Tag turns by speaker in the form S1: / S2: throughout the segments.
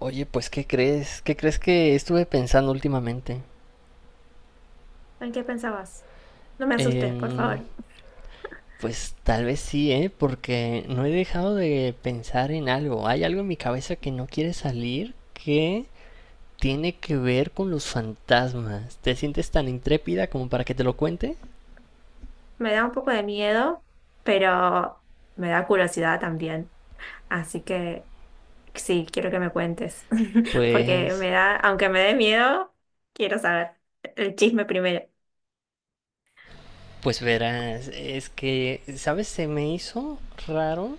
S1: Oye, pues, ¿qué crees? ¿Qué crees que estuve pensando últimamente?
S2: ¿En qué pensabas? No me asustes, por
S1: Em,
S2: favor.
S1: pues tal vez sí, ¿eh? Porque no he dejado de pensar en algo. Hay algo en mi cabeza que no quiere salir que tiene que ver con los fantasmas. ¿Te sientes tan intrépida como para que te lo cuente?
S2: Me da un poco de miedo, pero me da curiosidad también. Así que sí, quiero que me cuentes, porque
S1: Pues,
S2: me da, aunque me dé miedo, quiero saber el chisme primero.
S1: pues verás, es que, ¿sabes? Se me hizo raro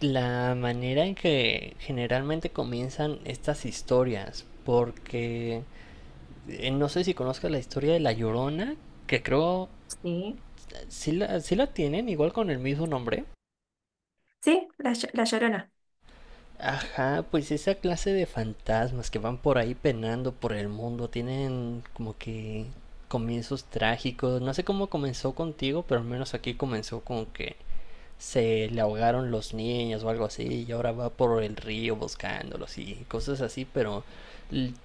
S1: la manera en que generalmente comienzan estas historias, porque no sé si conozcas la historia de La Llorona, que creo
S2: Sí,
S1: sí la tienen, igual con el mismo nombre.
S2: sí, la Llorona.
S1: Ajá, pues esa clase de fantasmas que van por ahí penando por el mundo, tienen como que comienzos trágicos. No sé cómo comenzó contigo, pero al menos aquí comenzó como que se le ahogaron los niños o algo así y ahora va por el río buscándolos y cosas así, pero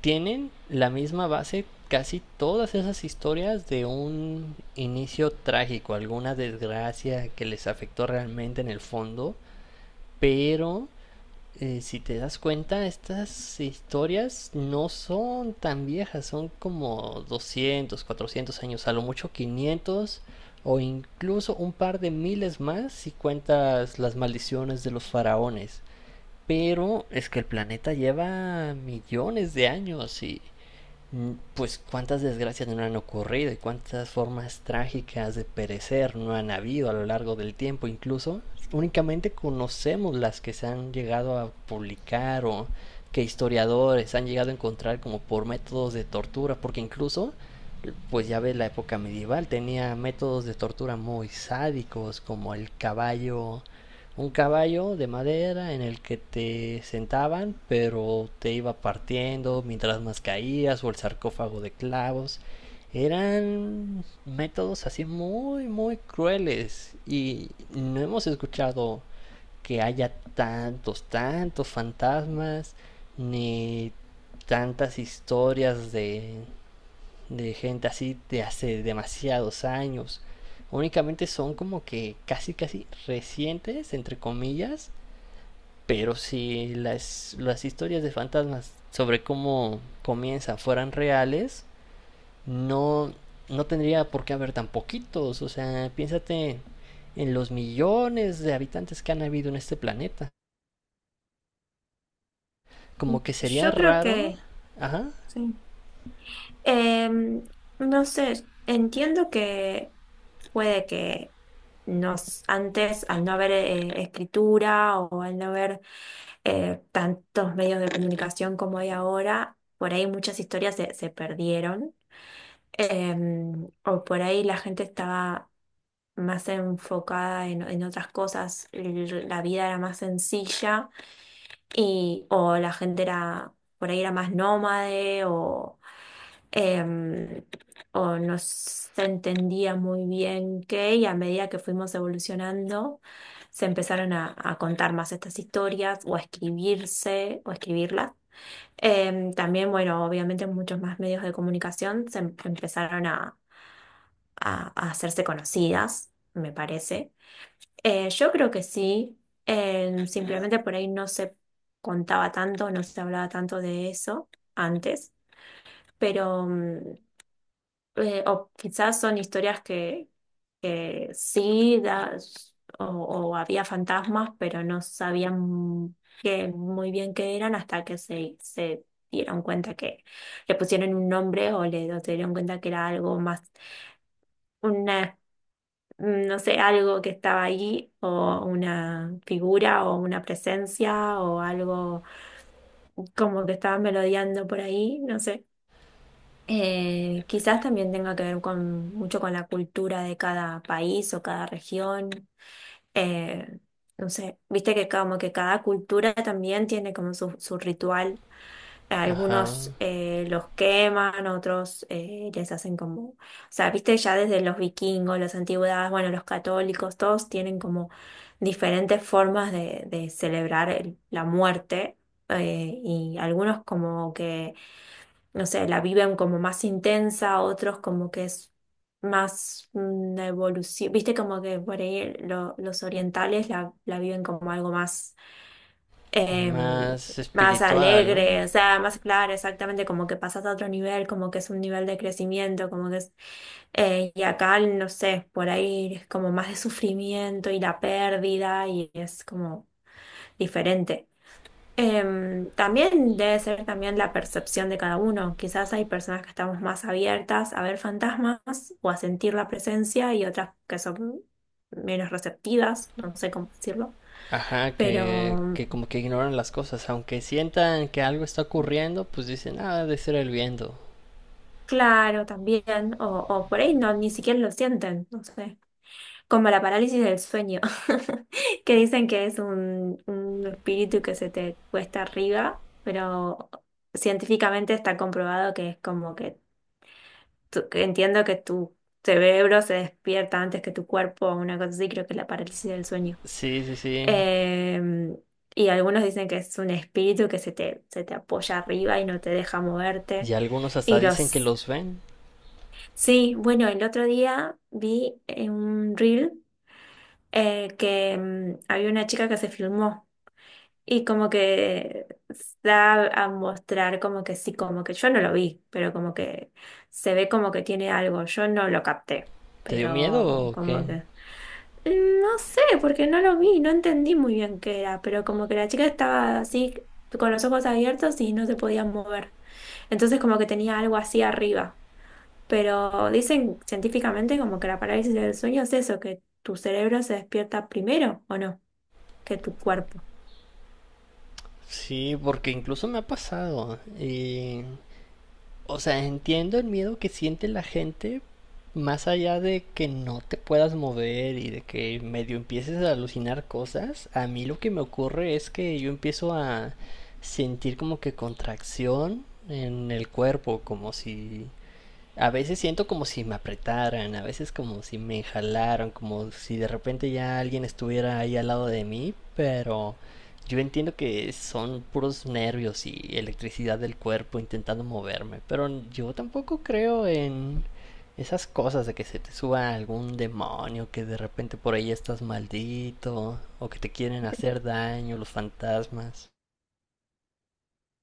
S1: tienen la misma base casi todas esas historias de un inicio trágico, alguna desgracia que les afectó realmente en el fondo, pero si te das cuenta, estas historias no son tan viejas, son como 200, 400 años, a lo mucho 500 o incluso un par de miles más si cuentas las maldiciones de los faraones. Pero es que el planeta lleva millones de años y pues cuántas desgracias no han ocurrido y cuántas formas trágicas de perecer no han habido a lo largo del tiempo. Incluso únicamente conocemos las que se han llegado a publicar o que historiadores han llegado a encontrar como por métodos de tortura, porque incluso, pues ya ves, la época medieval tenía métodos de tortura muy sádicos como el caballo un caballo de madera en el que te sentaban, pero te iba partiendo mientras más caías, o el sarcófago de clavos. Eran métodos así muy, muy crueles. Y no hemos escuchado que haya tantos, tantos fantasmas, ni tantas historias de gente así de hace demasiados años. Únicamente son como que casi casi recientes, entre comillas, pero si las historias de fantasmas sobre cómo comienzan fueran reales, no, no tendría por qué haber tan poquitos. O sea, piénsate en los millones de habitantes que han habido en este planeta. Como que sería
S2: Yo creo
S1: raro,
S2: que,
S1: ajá,
S2: sí. Em, no sé, entiendo que puede que antes, al no haber escritura o al no haber tantos medios de comunicación como hay ahora, por ahí muchas historias se perdieron. O por ahí la gente estaba más enfocada en otras cosas, la vida era más sencilla y, o la gente era, por ahí era más nómade em, o no se entendía muy bien qué, y a medida que fuimos evolucionando, se empezaron a contar más estas historias o a escribirse o escribirlas. También, bueno, obviamente muchos más medios de comunicación empezaron a hacerse conocidas, me parece. Yo creo que sí, simplemente por ahí no se contaba tanto, no se hablaba tanto de eso antes, pero o quizás son historias que sí, o había fantasmas, pero no sabían que, muy bien qué eran hasta que se dieron cuenta que le pusieron un nombre o le o se dieron cuenta que era algo más, una, no sé, algo que estaba ahí, o una figura, o una presencia, o algo como que estaba merodeando por ahí, no sé. Quizás también tenga que ver con mucho con la cultura de cada país o cada región. Eh, no sé, viste que como que cada cultura también tiene como su ritual.
S1: ajá,
S2: Algunos los queman, otros les hacen como, o sea, viste ya desde los vikingos, las antigüedades, bueno, los católicos, todos tienen como diferentes formas de celebrar la muerte. Eh, y algunos como que no sé, la viven como más intensa, otros como que es más una evolución, viste como que por ahí los orientales la viven como algo más, eh,
S1: más
S2: más
S1: espiritual, ¿no?
S2: alegre, o sea, más claro, exactamente, como que pasas a otro nivel, como que es un nivel de crecimiento, como que es, y acá, no sé, por ahí es como más de sufrimiento y la pérdida y es como diferente. También debe ser también la percepción de cada uno. Quizás hay personas que estamos más abiertas a ver fantasmas o a sentir la presencia y otras que son menos receptivas, no sé cómo decirlo,
S1: Ajá,
S2: pero
S1: que como que ignoran las cosas, aunque sientan que algo está ocurriendo, pues dicen, ah, debe ser el viento.
S2: claro, también, o por ahí no, ni siquiera lo sienten, no sé, como la parálisis del sueño, que dicen que es un espíritu que se te cuesta arriba, pero científicamente está comprobado que es como que que entiendo que tu cerebro se despierta antes que tu cuerpo, una cosa así, creo que es la parálisis del sueño.
S1: Sí, sí, sí.
S2: Em, y algunos dicen que es un espíritu que se te apoya arriba y no te deja moverte.
S1: Y algunos hasta
S2: Y
S1: dicen que
S2: los...
S1: los ven.
S2: Sí, bueno, el otro día vi en un reel había una chica que se filmó. Y como que da a mostrar como que sí, como que yo no lo vi, pero como que se ve como que tiene algo, yo no lo capté,
S1: ¿Te dio miedo
S2: pero
S1: o qué?
S2: como que no sé, porque no lo vi, no entendí muy bien qué era, pero como que la chica estaba así con los ojos abiertos y no se podía mover. Entonces como que tenía algo así arriba. Pero dicen científicamente como que la parálisis del sueño es eso, que tu cerebro se despierta primero o no, que tu cuerpo.
S1: Sí, porque incluso me ha pasado. Y o sea, entiendo el miedo que siente la gente, más allá de que no te puedas mover y de que medio empieces a alucinar cosas, a mí lo que me ocurre es que yo empiezo a sentir como que contracción en el cuerpo, como si a veces siento como si me apretaran, a veces como si me jalaran, como si de repente ya alguien estuviera ahí al lado de mí, pero yo entiendo que son puros nervios y electricidad del cuerpo intentando moverme, pero yo tampoco creo en esas cosas de que se te suba algún demonio, que de repente por ahí estás maldito, o que te quieren hacer daño los fantasmas.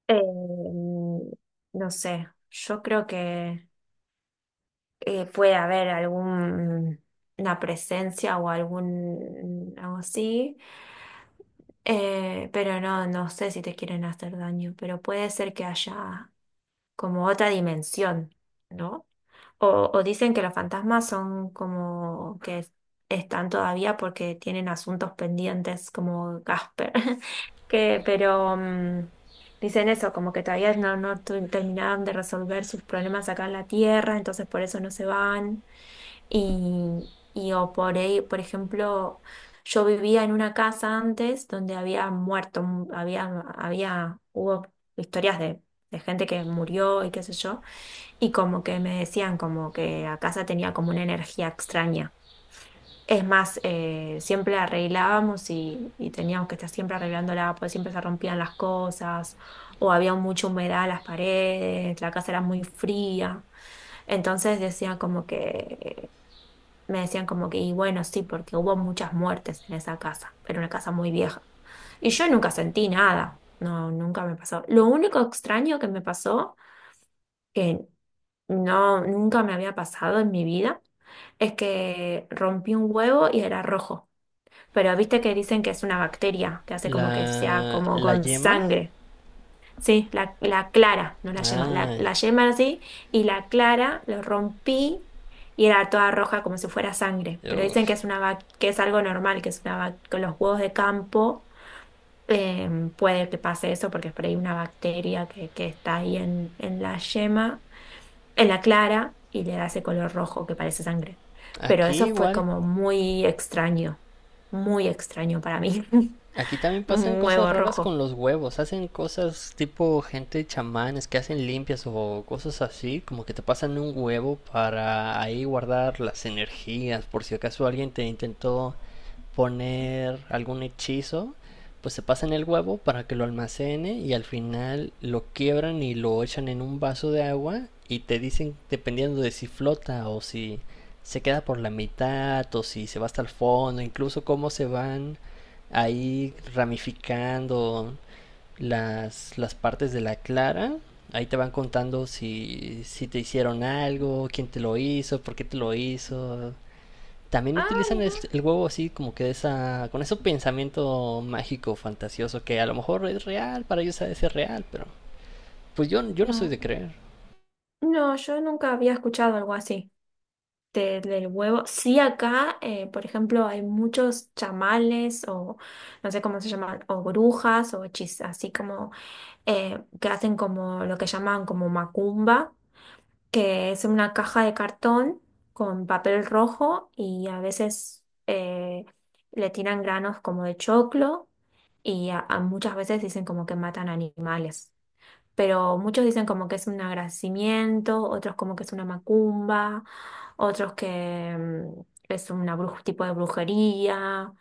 S2: Eh, mm, no sé, yo creo que puede haber algún, una presencia o algún algo así, pero no, no sé si te quieren hacer daño, pero puede ser que haya como otra dimensión, ¿no? O dicen que los fantasmas son como que están todavía porque tienen asuntos pendientes como Gasper. Que, pero dicen eso, como que todavía no, terminaron de resolver sus problemas acá en la Tierra, entonces por eso no se van. Y, y o por ahí, por ejemplo, yo vivía en una casa antes donde había muerto, había, había, hubo historias de gente que murió y qué sé yo. Y como que me decían como que a casa tenía como una energía extraña. Es más, siempre la arreglábamos y teníamos que estar siempre arreglándola, pues siempre se rompían las cosas o había mucha humedad en las paredes, la casa era muy fría. Entonces decían como que, me decían como que, y bueno, sí, porque hubo muchas muertes en esa casa, era una casa muy vieja. Y yo nunca sentí nada, no, nunca me pasó. Lo único extraño que me pasó, que no, nunca me había pasado en mi vida, es que rompí un huevo y era rojo. Pero viste que dicen que es una bacteria, que hace como que sea como
S1: La
S2: con
S1: yema,
S2: sangre. Sí, la clara, no la yema,
S1: ah,
S2: la yema así, y la clara lo rompí y era toda roja como si fuera sangre. Pero dicen que
S1: uf.
S2: es una que es algo normal, que es una con los huevos de campo puede que pase eso porque es por ahí una bacteria que está ahí en la yema en la clara y le da ese color rojo que parece sangre. Pero
S1: Aquí
S2: eso fue
S1: igual.
S2: como muy extraño para mí.
S1: Aquí también pasan
S2: Un
S1: cosas
S2: huevo
S1: raras con
S2: rojo.
S1: los huevos. Hacen cosas tipo gente chamanes que hacen limpias o cosas así, como que te pasan un huevo para ahí guardar las energías por si acaso alguien te intentó poner algún hechizo, pues se pasan el huevo para que lo almacene y al final lo quiebran y lo echan en un vaso de agua y te dicen dependiendo de si flota o si se queda por la mitad o si se va hasta el fondo, incluso cómo se van ahí ramificando las partes de la clara. Ahí te van contando si, si te hicieron algo, quién te lo hizo, por qué te lo hizo, también
S2: Ah,
S1: utilizan
S2: mira,
S1: el huevo así como que esa con ese pensamiento mágico fantasioso que a lo mejor es real para ellos ha de ser real pero pues yo no soy de
S2: no.
S1: creer.
S2: No, yo nunca había escuchado algo así del huevo. Sí, acá, por ejemplo, hay muchos chamales o no sé cómo se llaman, o brujas o hechizas, así como que hacen como lo que llaman como macumba, que es una caja de cartón con papel rojo y a veces le tiran granos como de choclo y a muchas veces dicen como que matan animales. Pero muchos dicen como que es un agradecimiento, otros como que es una macumba, otros que es un tipo de brujería,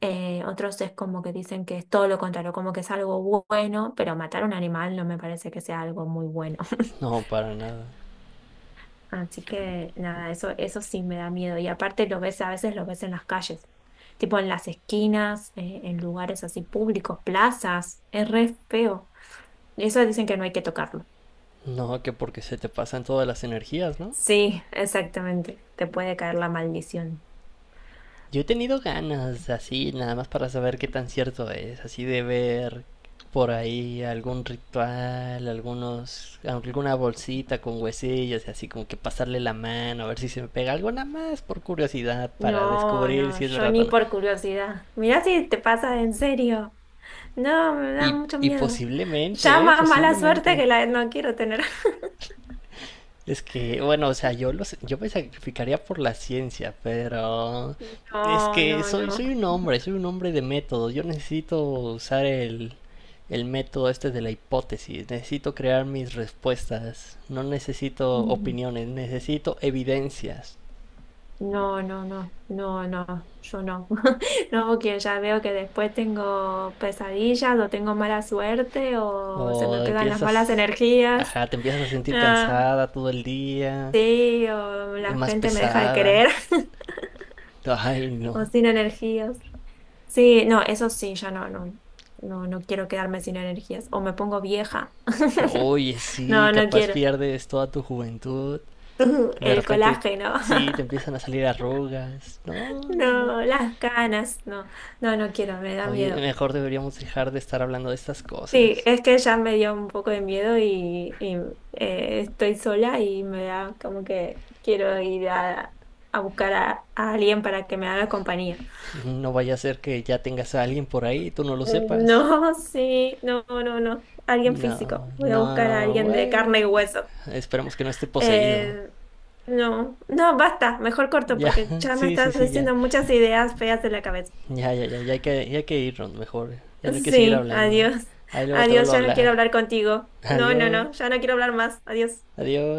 S2: otros es como que dicen que es todo lo contrario, como que es algo bueno, pero matar un animal no me parece que sea algo muy bueno.
S1: No, para nada.
S2: Así que nada, eso sí me da miedo. Y aparte lo ves, a veces lo ves en las calles, tipo en las esquinas, en lugares así públicos, plazas, es re feo. Eso dicen que no hay que tocarlo.
S1: No, que porque se te pasan todas las energías, no.
S2: Sí, exactamente. Te puede caer la maldición.
S1: Yo he tenido ganas así nada más para saber qué tan cierto es así de ver por ahí algún ritual, algunos, alguna bolsita con huesillos y así como que pasarle la mano a ver si se me pega algo nada más por curiosidad para
S2: No,
S1: descubrir
S2: no,
S1: si es
S2: yo
S1: verdad o
S2: ni
S1: no.
S2: por curiosidad. Mirá si te pasa en serio. No, me da mucho
S1: Y
S2: miedo. Ya
S1: posiblemente, ¿eh?
S2: más mala suerte
S1: Posiblemente.
S2: que la no quiero tener.
S1: Es que, bueno, o sea, yo, los, yo me sacrificaría por la ciencia, pero es
S2: No,
S1: que soy,
S2: no,
S1: soy un hombre de método. Yo necesito usar el método este de la hipótesis. Necesito crear mis respuestas. No necesito
S2: no.
S1: opiniones, necesito evidencias.
S2: No, no, no, no, no, yo no. No, porque ya veo que después tengo pesadillas o tengo mala suerte o se
S1: O
S2: me pegan las malas
S1: empiezas,
S2: energías.
S1: ajá, te empiezas a sentir
S2: Ah,
S1: cansada todo el día,
S2: sí, o la
S1: más
S2: gente me deja de
S1: pesada.
S2: querer
S1: Ay, no.
S2: o sin energías. Sí, no, eso sí, ya no, no, no, no quiero quedarme sin energías o me pongo vieja.
S1: Oye, sí,
S2: No, no
S1: capaz
S2: quiero.
S1: pierdes toda tu juventud. De
S2: El
S1: repente,
S2: colágeno,
S1: sí, te empiezan a salir arrugas. No, no, no.
S2: no, las canas, no, no, no quiero, me da
S1: Oye,
S2: miedo.
S1: mejor deberíamos dejar de estar hablando de estas
S2: Sí,
S1: cosas.
S2: es que ya me dio un poco de miedo y, estoy sola y me da como que quiero ir a buscar a alguien para que me haga compañía.
S1: No vaya a ser que ya tengas a alguien por ahí y tú no lo sepas.
S2: No, sí, no, no, no, alguien
S1: No,
S2: físico. Voy a
S1: no,
S2: buscar a
S1: no,
S2: alguien de carne y
S1: bueno.
S2: hueso.
S1: Esperemos que no esté poseído.
S2: Eh, no, no, basta, mejor corto
S1: Ya,
S2: porque ya me
S1: sí, sí,
S2: estás
S1: sí, ya.
S2: diciendo muchas ideas feas de la cabeza.
S1: Ya, ya, ya, ya hay que irnos mejor. Ya no hay que seguir
S2: Sí,
S1: hablando.
S2: adiós,
S1: Ahí luego te
S2: adiós,
S1: vuelvo a
S2: ya no quiero
S1: hablar.
S2: hablar contigo. No, no,
S1: Adiós,
S2: no, ya no quiero hablar más, adiós.
S1: adiós.